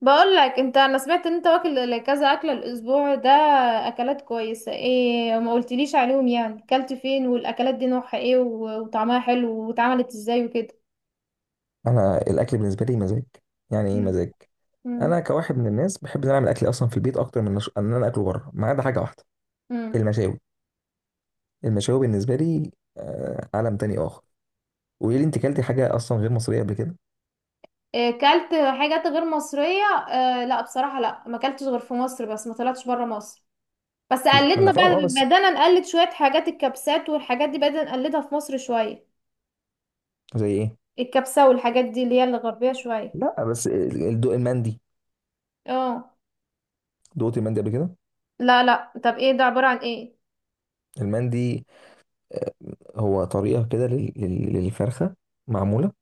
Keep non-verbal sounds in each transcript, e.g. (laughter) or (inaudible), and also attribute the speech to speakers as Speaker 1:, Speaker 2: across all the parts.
Speaker 1: بقول لك انت، انا سمعت ان انت واكل كذا اكله الاسبوع ده. اكلات كويسه ايه، ما قلتليش عليهم يعني كلت فين؟ والاكلات دي نوعها ايه و- وطعمها حلو، واتعملت ازاي وكده؟
Speaker 2: انا الاكل بالنسبه لي مزاج. يعني ايه
Speaker 1: مم.
Speaker 2: مزاج؟
Speaker 1: امم
Speaker 2: انا كواحد من الناس بحب ان أنا اعمل اكلي اصلا في البيت اكتر من ان انا اكله بره، ما عدا حاجه واحده.
Speaker 1: امم
Speaker 2: المشاوي، المشاوي بالنسبه لي، عالم تاني اخر. قولي لي انت، كلتي حاجه اصلا غير مصريه قبل كده؟
Speaker 1: إيه كلت؟ حاجات غير مصريه. آه لا، بصراحه لا، ما كلتش غير في مصر، بس ما طلعتش بره مصر. بس
Speaker 2: مفيش، ما انا
Speaker 1: قلدنا
Speaker 2: فاهم
Speaker 1: بقى،
Speaker 2: اه، بس
Speaker 1: بدانا نقلد شويه حاجات، الكبسات والحاجات دي بدانا نقلدها في مصر شويه.
Speaker 2: زي ايه؟
Speaker 1: الكبسه والحاجات دي اللي هي الغربيه شويه.
Speaker 2: لا، بس الدوق المندي،
Speaker 1: اه،
Speaker 2: دوقت المندي قبل كده؟
Speaker 1: لا لا، طب ايه ده، عباره عن ايه؟
Speaker 2: المندي، آه، هو طريقه كده للفرخه، معموله،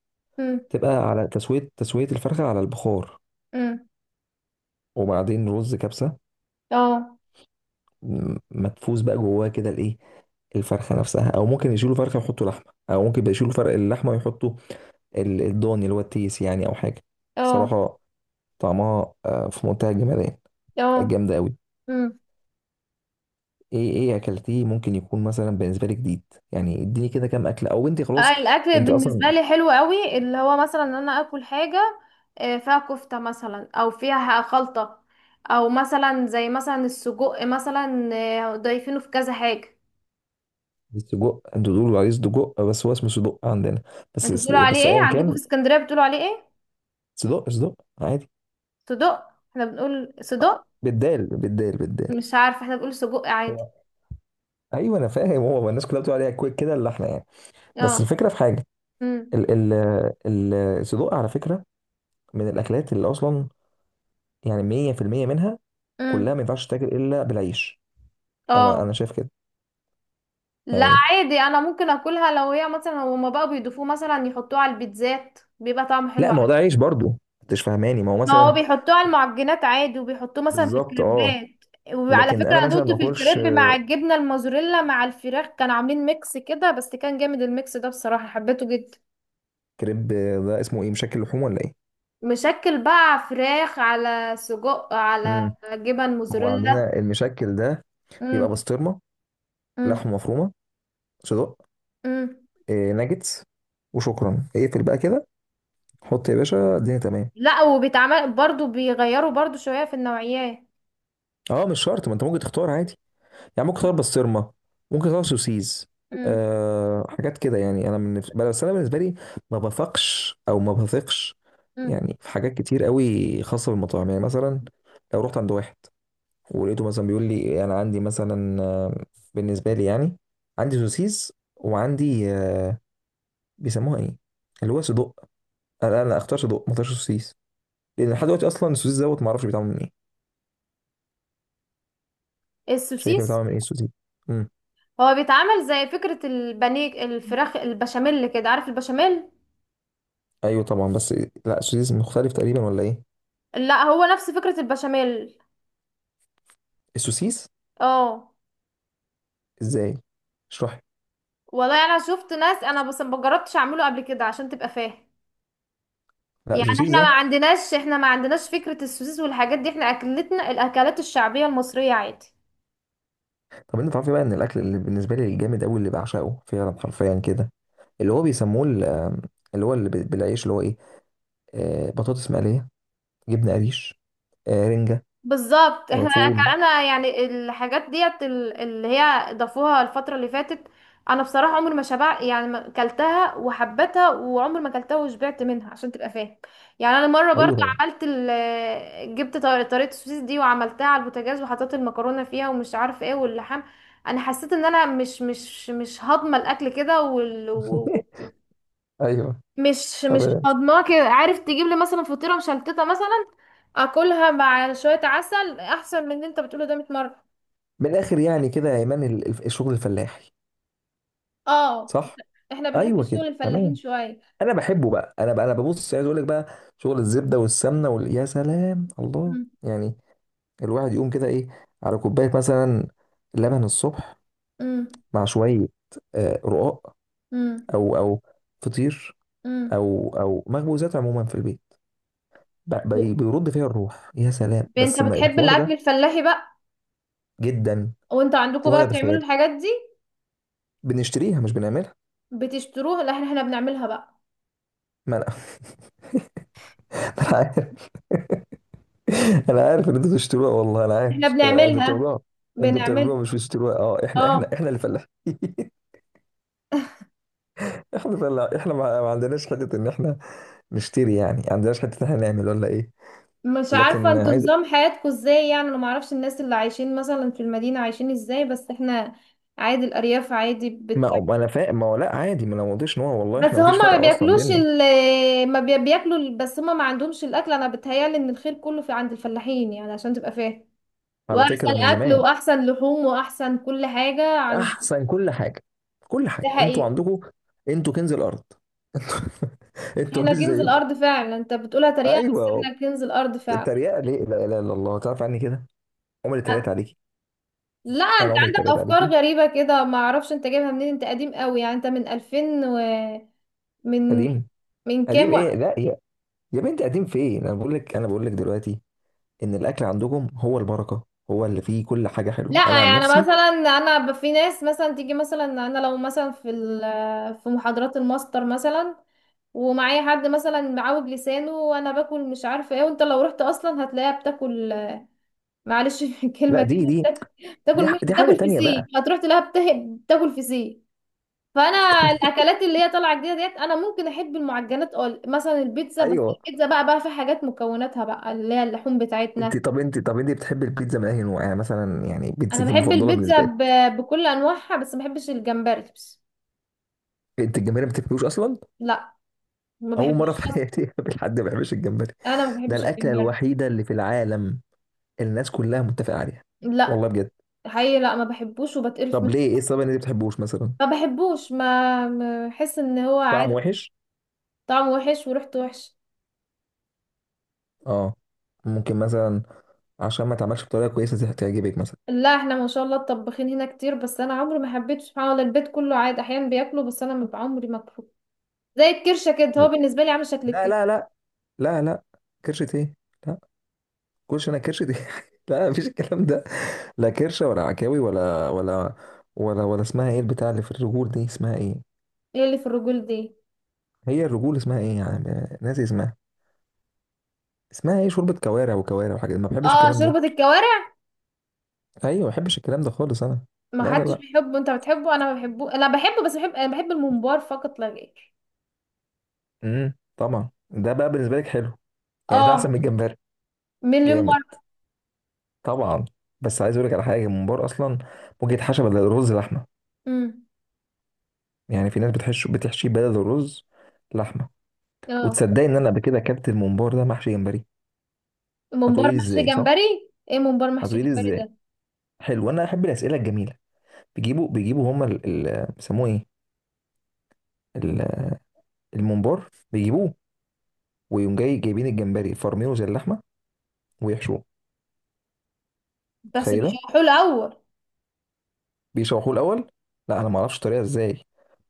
Speaker 2: تبقى على تسويه الفرخه على البخار،
Speaker 1: امم
Speaker 2: وبعدين رز كبسه
Speaker 1: اه
Speaker 2: مدفوس بقى جواه كده، الايه، الفرخة نفسها، أو ممكن يشيلوا فرخة ويحطوا لحمة، أو ممكن يشيلوا فرق اللحمة ويحطوا الضاني اللي هو التيس يعني، أو حاجة.
Speaker 1: اه
Speaker 2: صراحة طعمها في منتهى الجمدان،
Speaker 1: اه
Speaker 2: جامدة أوي.
Speaker 1: امم
Speaker 2: إيه أكلتيه ممكن يكون مثلا بالنسبة لي جديد، يعني إديني كده كام أكلة، أو أنت خلاص.
Speaker 1: الاكل
Speaker 2: أنت أصلا
Speaker 1: بالنسبه لي حلو قوي، اللي هو مثلا ان انا اكل حاجه فيها كفته مثلا، او فيها خلطه، او مثلا زي مثلا السجق مثلا، ضايفينه في كذا حاجه.
Speaker 2: السجق، أنتوا بتقولوا عليه سجق، بس هو اسمه سجق عندنا.
Speaker 1: انتوا بتقولوا عليه
Speaker 2: بس
Speaker 1: ايه؟
Speaker 2: أيا
Speaker 1: عندكم في
Speaker 2: كان.
Speaker 1: اسكندريه بتقولوا عليه ايه؟
Speaker 2: سجق، سجق، عادي.
Speaker 1: صدق؟ احنا بنقول صدق.
Speaker 2: بالدال، بالدال، بالدال.
Speaker 1: مش عارفه، احنا بنقول سجق عادي.
Speaker 2: هو- ايوه انا فاهم، هو الناس كلها بتقول عليها كويك كده، اللحمه يعني، بس
Speaker 1: اه.
Speaker 2: الفكره في حاجه،
Speaker 1: امم
Speaker 2: ال ال ال الصدوق على فكرة، من الأكلات اللي أصلا، يعني، 100% منها
Speaker 1: امم
Speaker 2: كلها ما ينفعش تتاكل إلا بالعيش. أنا
Speaker 1: اه،
Speaker 2: شايف كده،
Speaker 1: لا
Speaker 2: يعني.
Speaker 1: عادي، انا ممكن اكلها لو هي مثلا، هما بقى بيضيفوه مثلا، يحطوه على البيتزات بيبقى طعمه حلو.
Speaker 2: لا، ما هو ده عيش برضو، أنتش فاهماني، ما هو
Speaker 1: ما هو
Speaker 2: مثلا.
Speaker 1: بيحطوه على المعجنات عادي، وبيحطوه مثلا في
Speaker 2: بالظبط أه.
Speaker 1: الكريبات. وعلى
Speaker 2: لكن
Speaker 1: فكرة
Speaker 2: أنا
Speaker 1: انا
Speaker 2: مثلا
Speaker 1: دوقته
Speaker 2: ما
Speaker 1: في
Speaker 2: أكلش
Speaker 1: الكريب مع الجبنة الموزاريلا مع الفراخ، كانوا عاملين ميكس كده بس كان جامد، الميكس ده بصراحة حبيته جدا.
Speaker 2: كريب، ده اسمه إيه، مشكل لحوم ولا إيه؟
Speaker 1: مشكل بقى، فراخ على سجق على
Speaker 2: امم.
Speaker 1: جبن
Speaker 2: هو
Speaker 1: موزاريلا.
Speaker 2: عندنا المشكل ده بيبقى
Speaker 1: امم
Speaker 2: بسطرمة،
Speaker 1: امم
Speaker 2: لحمة مفرومة، صدق،
Speaker 1: امم
Speaker 2: إيه، ناجتس، وشكرا اقفل بقى كده، حط يا باشا الدنيا تمام.
Speaker 1: لا، وبيتعمل برضو، بيغيروا برضو شوية في النوعيات.
Speaker 2: اه مش شرط، ما انت ممكن تختار عادي، يعني ممكن تغير بسطرمه، ممكن تغير سوسيز،
Speaker 1: امم
Speaker 2: أه حاجات كده يعني. انا من، بس انا بالنسبه لي ما بثقش، او ما بثقش
Speaker 1: امم
Speaker 2: يعني، في حاجات كتير قوي خاصه بالمطاعم، يعني مثلا لو رحت عند واحد ولقيته مثلا بيقول لي انا عندي مثلا بالنسبه لي يعني، عندي سوسيس وعندي بيسموها ايه، اللي هو صدق، انا اختار صدق، ما اختارش سوسيس، لان لحد دلوقتي اصلا السوسيس دوت ما اعرفش بيتعمل من ايه. شايفه
Speaker 1: السوسيس
Speaker 2: بيتعمل من ايه السوسيس؟ امم.
Speaker 1: هو بيتعمل زي فكرة البانيه الفراخ البشاميل كده، عارف البشاميل؟
Speaker 2: ايوه طبعا، بس لا السوسيس مختلف تقريبا ولا ايه؟
Speaker 1: لا هو نفس فكرة البشاميل.
Speaker 2: السوسيس،
Speaker 1: اه.
Speaker 2: ازاي؟ اشرح لي.
Speaker 1: والله انا شفت ناس، انا بس ما جربتش اعمله قبل كده عشان تبقى فاهم.
Speaker 2: لا
Speaker 1: يعني
Speaker 2: السوسيس
Speaker 1: احنا ما
Speaker 2: ده،
Speaker 1: عندناش احنا ما عندناش فكرة السوسيس والحاجات دي، احنا اكلتنا الاكلات الشعبية المصرية عادي.
Speaker 2: طب انت تعرفي بقى ان الاكل اللي بالنسبه لي الجامد قوي اللي بعشقه فعلا حرفيا كده، اللي هو بيسموه ال- آم، اللي هو بالعيش، اللي هو ايه، بطاطس مقليه، جبنه قريش، رنجه،
Speaker 1: بالظبط، احنا
Speaker 2: فول.
Speaker 1: كان انا يعني الحاجات ديت اللي هي ضافوها الفترة اللي فاتت. انا بصراحة عمري ما شبع، يعني ما كلتها وحبتها، وعمري ما كلتها وشبعت منها عشان تبقى فاهم. يعني انا مرة
Speaker 2: ايوه
Speaker 1: برضو
Speaker 2: طبعا.
Speaker 1: عملت جبت طريقة السوسيس دي، وعملتها على البوتاجاز وحطيت المكرونة فيها، ومش عارفة ايه واللحام. انا حسيت ان انا مش هاضمة الاكل كده.
Speaker 2: (laughs) ايوه
Speaker 1: مش
Speaker 2: تمام.
Speaker 1: هضماه كده. عارف، تجيب لي مثلا فطيرة مشلتتة مثلا، اكلها مع شوية عسل احسن من اللي انت بتقوله ده 100 مرة.
Speaker 2: من الاخر يعني كده يا ايمان، الشغل الفلاحي،
Speaker 1: اه، احنا
Speaker 2: صح.
Speaker 1: إحنا بنحب
Speaker 2: ايوه كده
Speaker 1: شغل الفلاحين
Speaker 2: تمام.
Speaker 1: شوية.
Speaker 2: انا بحبه بقى، انا بقى انا ببص، عايز اقول لك بقى، شغل الزبده والسمنه وال... يا سلام الله.
Speaker 1: مم.
Speaker 2: يعني الواحد يقوم كده ايه، على كوبايه مثلا لبن الصبح،
Speaker 1: مم.
Speaker 2: مع شويه رقاق،
Speaker 1: مم.
Speaker 2: او فطير،
Speaker 1: مم.
Speaker 2: او، او مخبوزات عموما في البيت، بيرد فيها الروح، يا سلام
Speaker 1: انت
Speaker 2: بس ما
Speaker 1: بتحب
Speaker 2: الحوار
Speaker 1: الاكل
Speaker 2: ده،
Speaker 1: الفلاحي بقى؟
Speaker 2: جدا،
Speaker 1: وانت عندكم
Speaker 2: فوق
Speaker 1: بقى
Speaker 2: مدى
Speaker 1: بتعملوا
Speaker 2: الخيال.
Speaker 1: الحاجات دي؟
Speaker 2: بنشتريها مش بنعملها.
Speaker 1: بتشتروها؟ لا احنا، بنعملها بقى.
Speaker 2: ما انا، (laughs) انا عارف، انا عارف ان انتوا بتشتروها، والله انا عارف،
Speaker 1: احنا
Speaker 2: انتوا
Speaker 1: بنعملها.
Speaker 2: بتعملوها. انتوا بتعملوها
Speaker 1: بنعمل.
Speaker 2: مش بتشتروها، اه، احنا احنا
Speaker 1: اه،
Speaker 2: احنا اللي فلاحين. (laughs) احنا فلاح، احنا ما عندناش حته ان احنا نشتري يعني، ما عندناش حته ان احنا نعمل ولا ايه.
Speaker 1: مش عارفة
Speaker 2: لكن
Speaker 1: انتوا
Speaker 2: عايز،
Speaker 1: نظام حياتكم ازاي، يعني انا معرفش الناس اللي عايشين مثلا في المدينة عايشين ازاي، بس احنا عادي، الأرياف عادي
Speaker 2: ما
Speaker 1: بتاكل.
Speaker 2: ما انا فاهم، ما هو لا عادي، ما انا ما قلتش ان هو، والله
Speaker 1: بس
Speaker 2: احنا ما فيش
Speaker 1: هما ما
Speaker 2: فرق اصلا
Speaker 1: بياكلوش
Speaker 2: بيننا.
Speaker 1: ما بي- بياكلوا بس هما ما عندهمش الأكل. أنا بتهيألي إن الخير كله في عند الفلاحين، يعني عشان تبقى فاهم.
Speaker 2: على فكره
Speaker 1: وأحسن
Speaker 2: ده من
Speaker 1: أكل
Speaker 2: زمان،
Speaker 1: وأحسن لحوم وأحسن كل حاجة عند.
Speaker 2: احسن كل حاجه. كل
Speaker 1: ده
Speaker 2: حاجه انتوا
Speaker 1: حقيقي.
Speaker 2: عندكم. انتوا كنز الارض. (laughs) انتوا ما
Speaker 1: احنا
Speaker 2: فيش
Speaker 1: كنز
Speaker 2: زيكم.
Speaker 1: الأرض فعلا، انت بتقولها تريقة بس
Speaker 2: ايوه
Speaker 1: احنا كنز الأرض فعلا.
Speaker 2: التريقه ليه، لا اله الا الله، تعرف عني كده عمري اتريقت عليكي؟
Speaker 1: لا انت
Speaker 2: انا عمري
Speaker 1: عندك
Speaker 2: اتريقت عليكي.
Speaker 1: افكار غريبه كده، ما اعرفش انت جايبها منين، انت قديم قوي يعني، انت من 2000 و. من
Speaker 2: قديم،
Speaker 1: من
Speaker 2: قديم
Speaker 1: كام
Speaker 2: ايه،
Speaker 1: وقت؟
Speaker 2: لا يا، يا بنتي قديم فين، انا بقول لك دلوقتي، ان الاكل عندكم هو البركه، هو اللي فيه كل حاجه حلوه، انا
Speaker 1: لا،
Speaker 2: عن
Speaker 1: يعني
Speaker 2: نفسي.
Speaker 1: مثلا انا في ناس مثلا تيجي مثلا، انا لو مثلا في في محاضرات الماستر مثلا، ومعايا حد مثلا معوج لسانه وانا باكل مش عارفه ايه، وانت لو رحت اصلا هتلاقيها بتاكل، معلش (laughs) في
Speaker 2: لا
Speaker 1: الكلمه كده
Speaker 2: دي،
Speaker 1: بتاكل، مش
Speaker 2: دي حاجه
Speaker 1: بتاكل
Speaker 2: تانية
Speaker 1: فسيخ،
Speaker 2: بقى.
Speaker 1: هتروح تلاقيها بتاكل فسيخ. فانا
Speaker 2: (laughs)
Speaker 1: الاكلات اللي هي طالعه جديده ديت، انا ممكن احب المعجنات، اه مثلا البيتزا، بس
Speaker 2: ايوه.
Speaker 1: البيتزا بقى في حاجات مكوناتها بقى اللي هي اللحوم بتاعتنا.
Speaker 2: انت بتحبي البيتزا من اي نوع؟ يعني مثلا، يعني
Speaker 1: انا
Speaker 2: بيتزا
Speaker 1: بحب
Speaker 2: المفضله
Speaker 1: البيتزا
Speaker 2: بالنسبه لك.
Speaker 1: بكل انواعها، بس ما بحبش الجمبري بس.
Speaker 2: انت الجمبري ما بتاكلوش اصلا،
Speaker 1: لا ما
Speaker 2: اول
Speaker 1: بحبش
Speaker 2: مره في
Speaker 1: اصلا.
Speaker 2: حياتي (laughs) اقابل حد ما بيحبش الجمبري.
Speaker 1: انا ما
Speaker 2: ده
Speaker 1: بحبش
Speaker 2: الاكله
Speaker 1: الجمبري.
Speaker 2: الوحيده اللي في العالم الناس كلها متفقه عليها،
Speaker 1: لا
Speaker 2: والله بجد.
Speaker 1: حقيقي، لا ما بحبوش وبتقرف
Speaker 2: طب
Speaker 1: منه.
Speaker 2: ليه، ايه السبب ان انت ما بتحبوش مثلا،
Speaker 1: ما بحبوش، بحس ان هو
Speaker 2: طعم
Speaker 1: عادي.
Speaker 2: وحش؟
Speaker 1: طعمه وحش وريحته وحش.
Speaker 2: اه ممكن مثلا عشان ما اتعملش بطريقه كويسه تعجبك مثلا.
Speaker 1: لا احنا ما شاء الله الطباخين هنا كتير، بس انا عمري ما حبيت سبحان الله، البيت كله عادي احيانا بياكله، بس انا ما عمري ما باكله. زي الكرشه كده، هو بالنسبه لي عامل شكل
Speaker 2: لا، لا،
Speaker 1: الكرش.
Speaker 2: لا. لا، لا. كرشة ايه؟ لا. كرش، انا كرش دي؟ (laughs) لا مفيش الكلام ده، لا كرشه ولا عكاوي، ولا ولا اسمها ايه البتاع اللي في الرجول دي اسمها ايه؟
Speaker 1: ايه اللي في الرجول دي؟
Speaker 2: هي الرجول اسمها ايه يعني، ناسي اسمها، اسمها ايه، شوربه كوارع، وكوارع وحاجات ما بحبش
Speaker 1: اه،
Speaker 2: الكلام
Speaker 1: شوربه
Speaker 2: ده.
Speaker 1: الكوارع.
Speaker 2: ايوه ما بحبش الكلام ده خالص انا.
Speaker 1: ما
Speaker 2: لا، لا،
Speaker 1: حدش
Speaker 2: لا.
Speaker 1: بيحبه، انت بتحبه، انا ما بحبه، انا بحبه بس بحب، انا بحب الممبار فقط لا غير.
Speaker 2: طبعا ده بقى بالنسبه لك حلو، يعني ده
Speaker 1: اه،
Speaker 2: احسن من الجمبري،
Speaker 1: مليون
Speaker 2: جامد
Speaker 1: مرة.
Speaker 2: طبعا. بس عايز اقول لك على حاجه، الممبار اصلا ممكن يتحشى بدل الرز لحمه،
Speaker 1: امم
Speaker 2: يعني في ناس بتحشيه بدل الرز لحمه.
Speaker 1: اه،
Speaker 2: وتصدقي ان انا قبل كده اكلت الممبار ده محشي جمبري؟
Speaker 1: ممبار
Speaker 2: هتقولي
Speaker 1: محشي
Speaker 2: ازاي، صح،
Speaker 1: جمبري، ايه ممبار محشي
Speaker 2: هتقولي
Speaker 1: جمبري
Speaker 2: ازاي،
Speaker 1: ده؟
Speaker 2: حلو انا احب الاسئله الجميله. بيجيبوا هما بيسموه ايه، ال- الممبار، بيجيبوه ويقوم جاي جايبين الجمبري فرمينه زي اللحمه ويحشوه.
Speaker 1: بس
Speaker 2: تخيله،
Speaker 1: بيشوحوه الاول.
Speaker 2: بيشوحوه الاول. لا انا ما اعرفش الطريقه ازاي،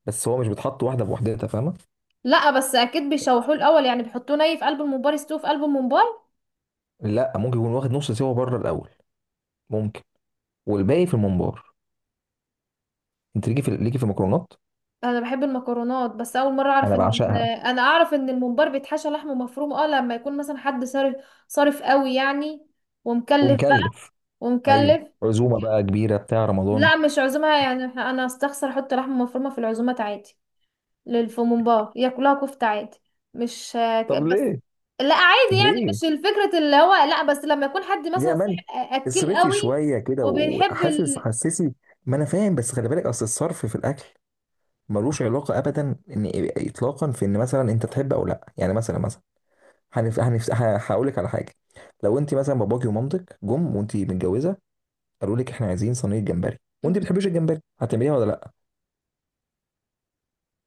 Speaker 2: بس هو مش بيتحط واحده بوحدتها فاهمه.
Speaker 1: لا، بس اكيد بيشوحوه الاول، يعني بيحطوه ني في قلب الممبار، يستوه في قلب الممبار.
Speaker 2: لا ممكن يكون واخد نص سوا بره الاول، ممكن، والباقي في الممبار. انت ليكي في المكرونات،
Speaker 1: انا بحب المكرونات، بس اول مرة اعرف
Speaker 2: انا
Speaker 1: ان
Speaker 2: بعشقها.
Speaker 1: انا اعرف ان الممبار بيتحشى لحمه مفروم. اه لما يكون مثلا حد صارف. صارف قوي يعني. ومكلف بقى.
Speaker 2: ومكلف. ايوه
Speaker 1: ومكلف.
Speaker 2: عزومه بقى كبيره بتاع رمضان.
Speaker 1: لا مش عزومة، يعني انا استخسر احط لحمه مفرومة في العزومات عادي. للفومبار ياكلوها كفتة عادي. مش
Speaker 2: طب
Speaker 1: بس.
Speaker 2: ليه،
Speaker 1: لا عادي، يعني
Speaker 2: ليه
Speaker 1: مش الفكرة اللي هو، لا بس لما يكون حد
Speaker 2: يا
Speaker 1: مثلا
Speaker 2: من،
Speaker 1: صاحب اكل
Speaker 2: اصرفي
Speaker 1: قوي،
Speaker 2: شويه كده
Speaker 1: وبيحب
Speaker 2: وحاسس حسسي. ما انا فاهم، بس خلي بالك، اصل الصرف في الاكل ملوش علاقه ابدا ان، اطلاقا، في ان مثلا انت تحب او لا، يعني مثلا هنف... هنف... هقول لك على حاجه. لو انت مثلا باباكي ومامتك جم وانت متجوزه قالوا لك احنا عايزين صينيه جمبري وانت بتحبيش الجمبري، هتعمليها ولا لا؟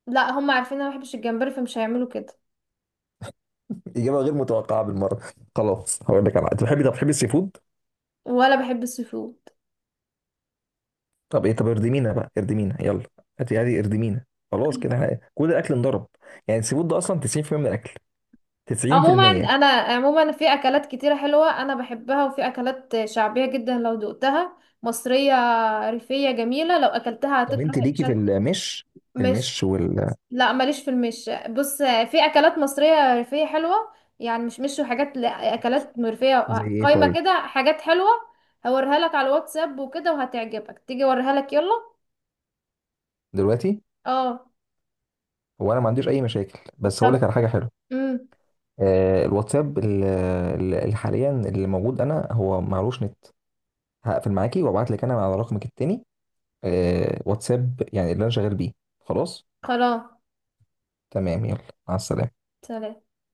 Speaker 1: لا هم عارفين انا ما بحبش الجمبري، فمش هيعملوا كده.
Speaker 2: اجابه غير متوقعه بالمره. خلاص هقول لك على، انت بتحبي، طب بتحبي السي فود؟
Speaker 1: ولا بحب السي فود.
Speaker 2: طب ايه، طب اردمينا بقى اردمينا يلا، هاتي اردمينا، خلاص كده كل الاكل انضرب. يعني السي فود ده اصلا 90% من الاكل،
Speaker 1: عموما
Speaker 2: 90%.
Speaker 1: انا عموما في اكلات كتيرة حلوة انا بحبها، وفي اكلات شعبية جدا لو دقتها، مصرية ريفية جميلة لو اكلتها
Speaker 2: طب
Speaker 1: هتكره.
Speaker 2: انت
Speaker 1: مش
Speaker 2: ليكي في المش،
Speaker 1: مش،
Speaker 2: المش وال...
Speaker 1: لا ماليش في المش، بص، في اكلات مصريه ريفيه حلوه. يعني مش وحاجات، لا اكلات مرفيه.
Speaker 2: زي ايه
Speaker 1: قايمه
Speaker 2: طيب؟
Speaker 1: كده حاجات حلوه. هوريها لك على الواتساب وكده، وهتعجبك، تيجي اوريها لك يلا.
Speaker 2: دلوقتي.
Speaker 1: اه.
Speaker 2: هو انا ما عنديش اي مشاكل بس هقول
Speaker 1: طب.
Speaker 2: لك على حاجه حلوه.
Speaker 1: امم
Speaker 2: الواتساب اللي حاليا اللي موجود انا، هو معلوش نت، هقفل معاكي وابعت لك انا على رقمك التاني، واتساب يعني اللي انا شغال بيه. خلاص،
Speaker 1: خلاص.
Speaker 2: تمام يلا، مع السلامه.
Speaker 1: سلام.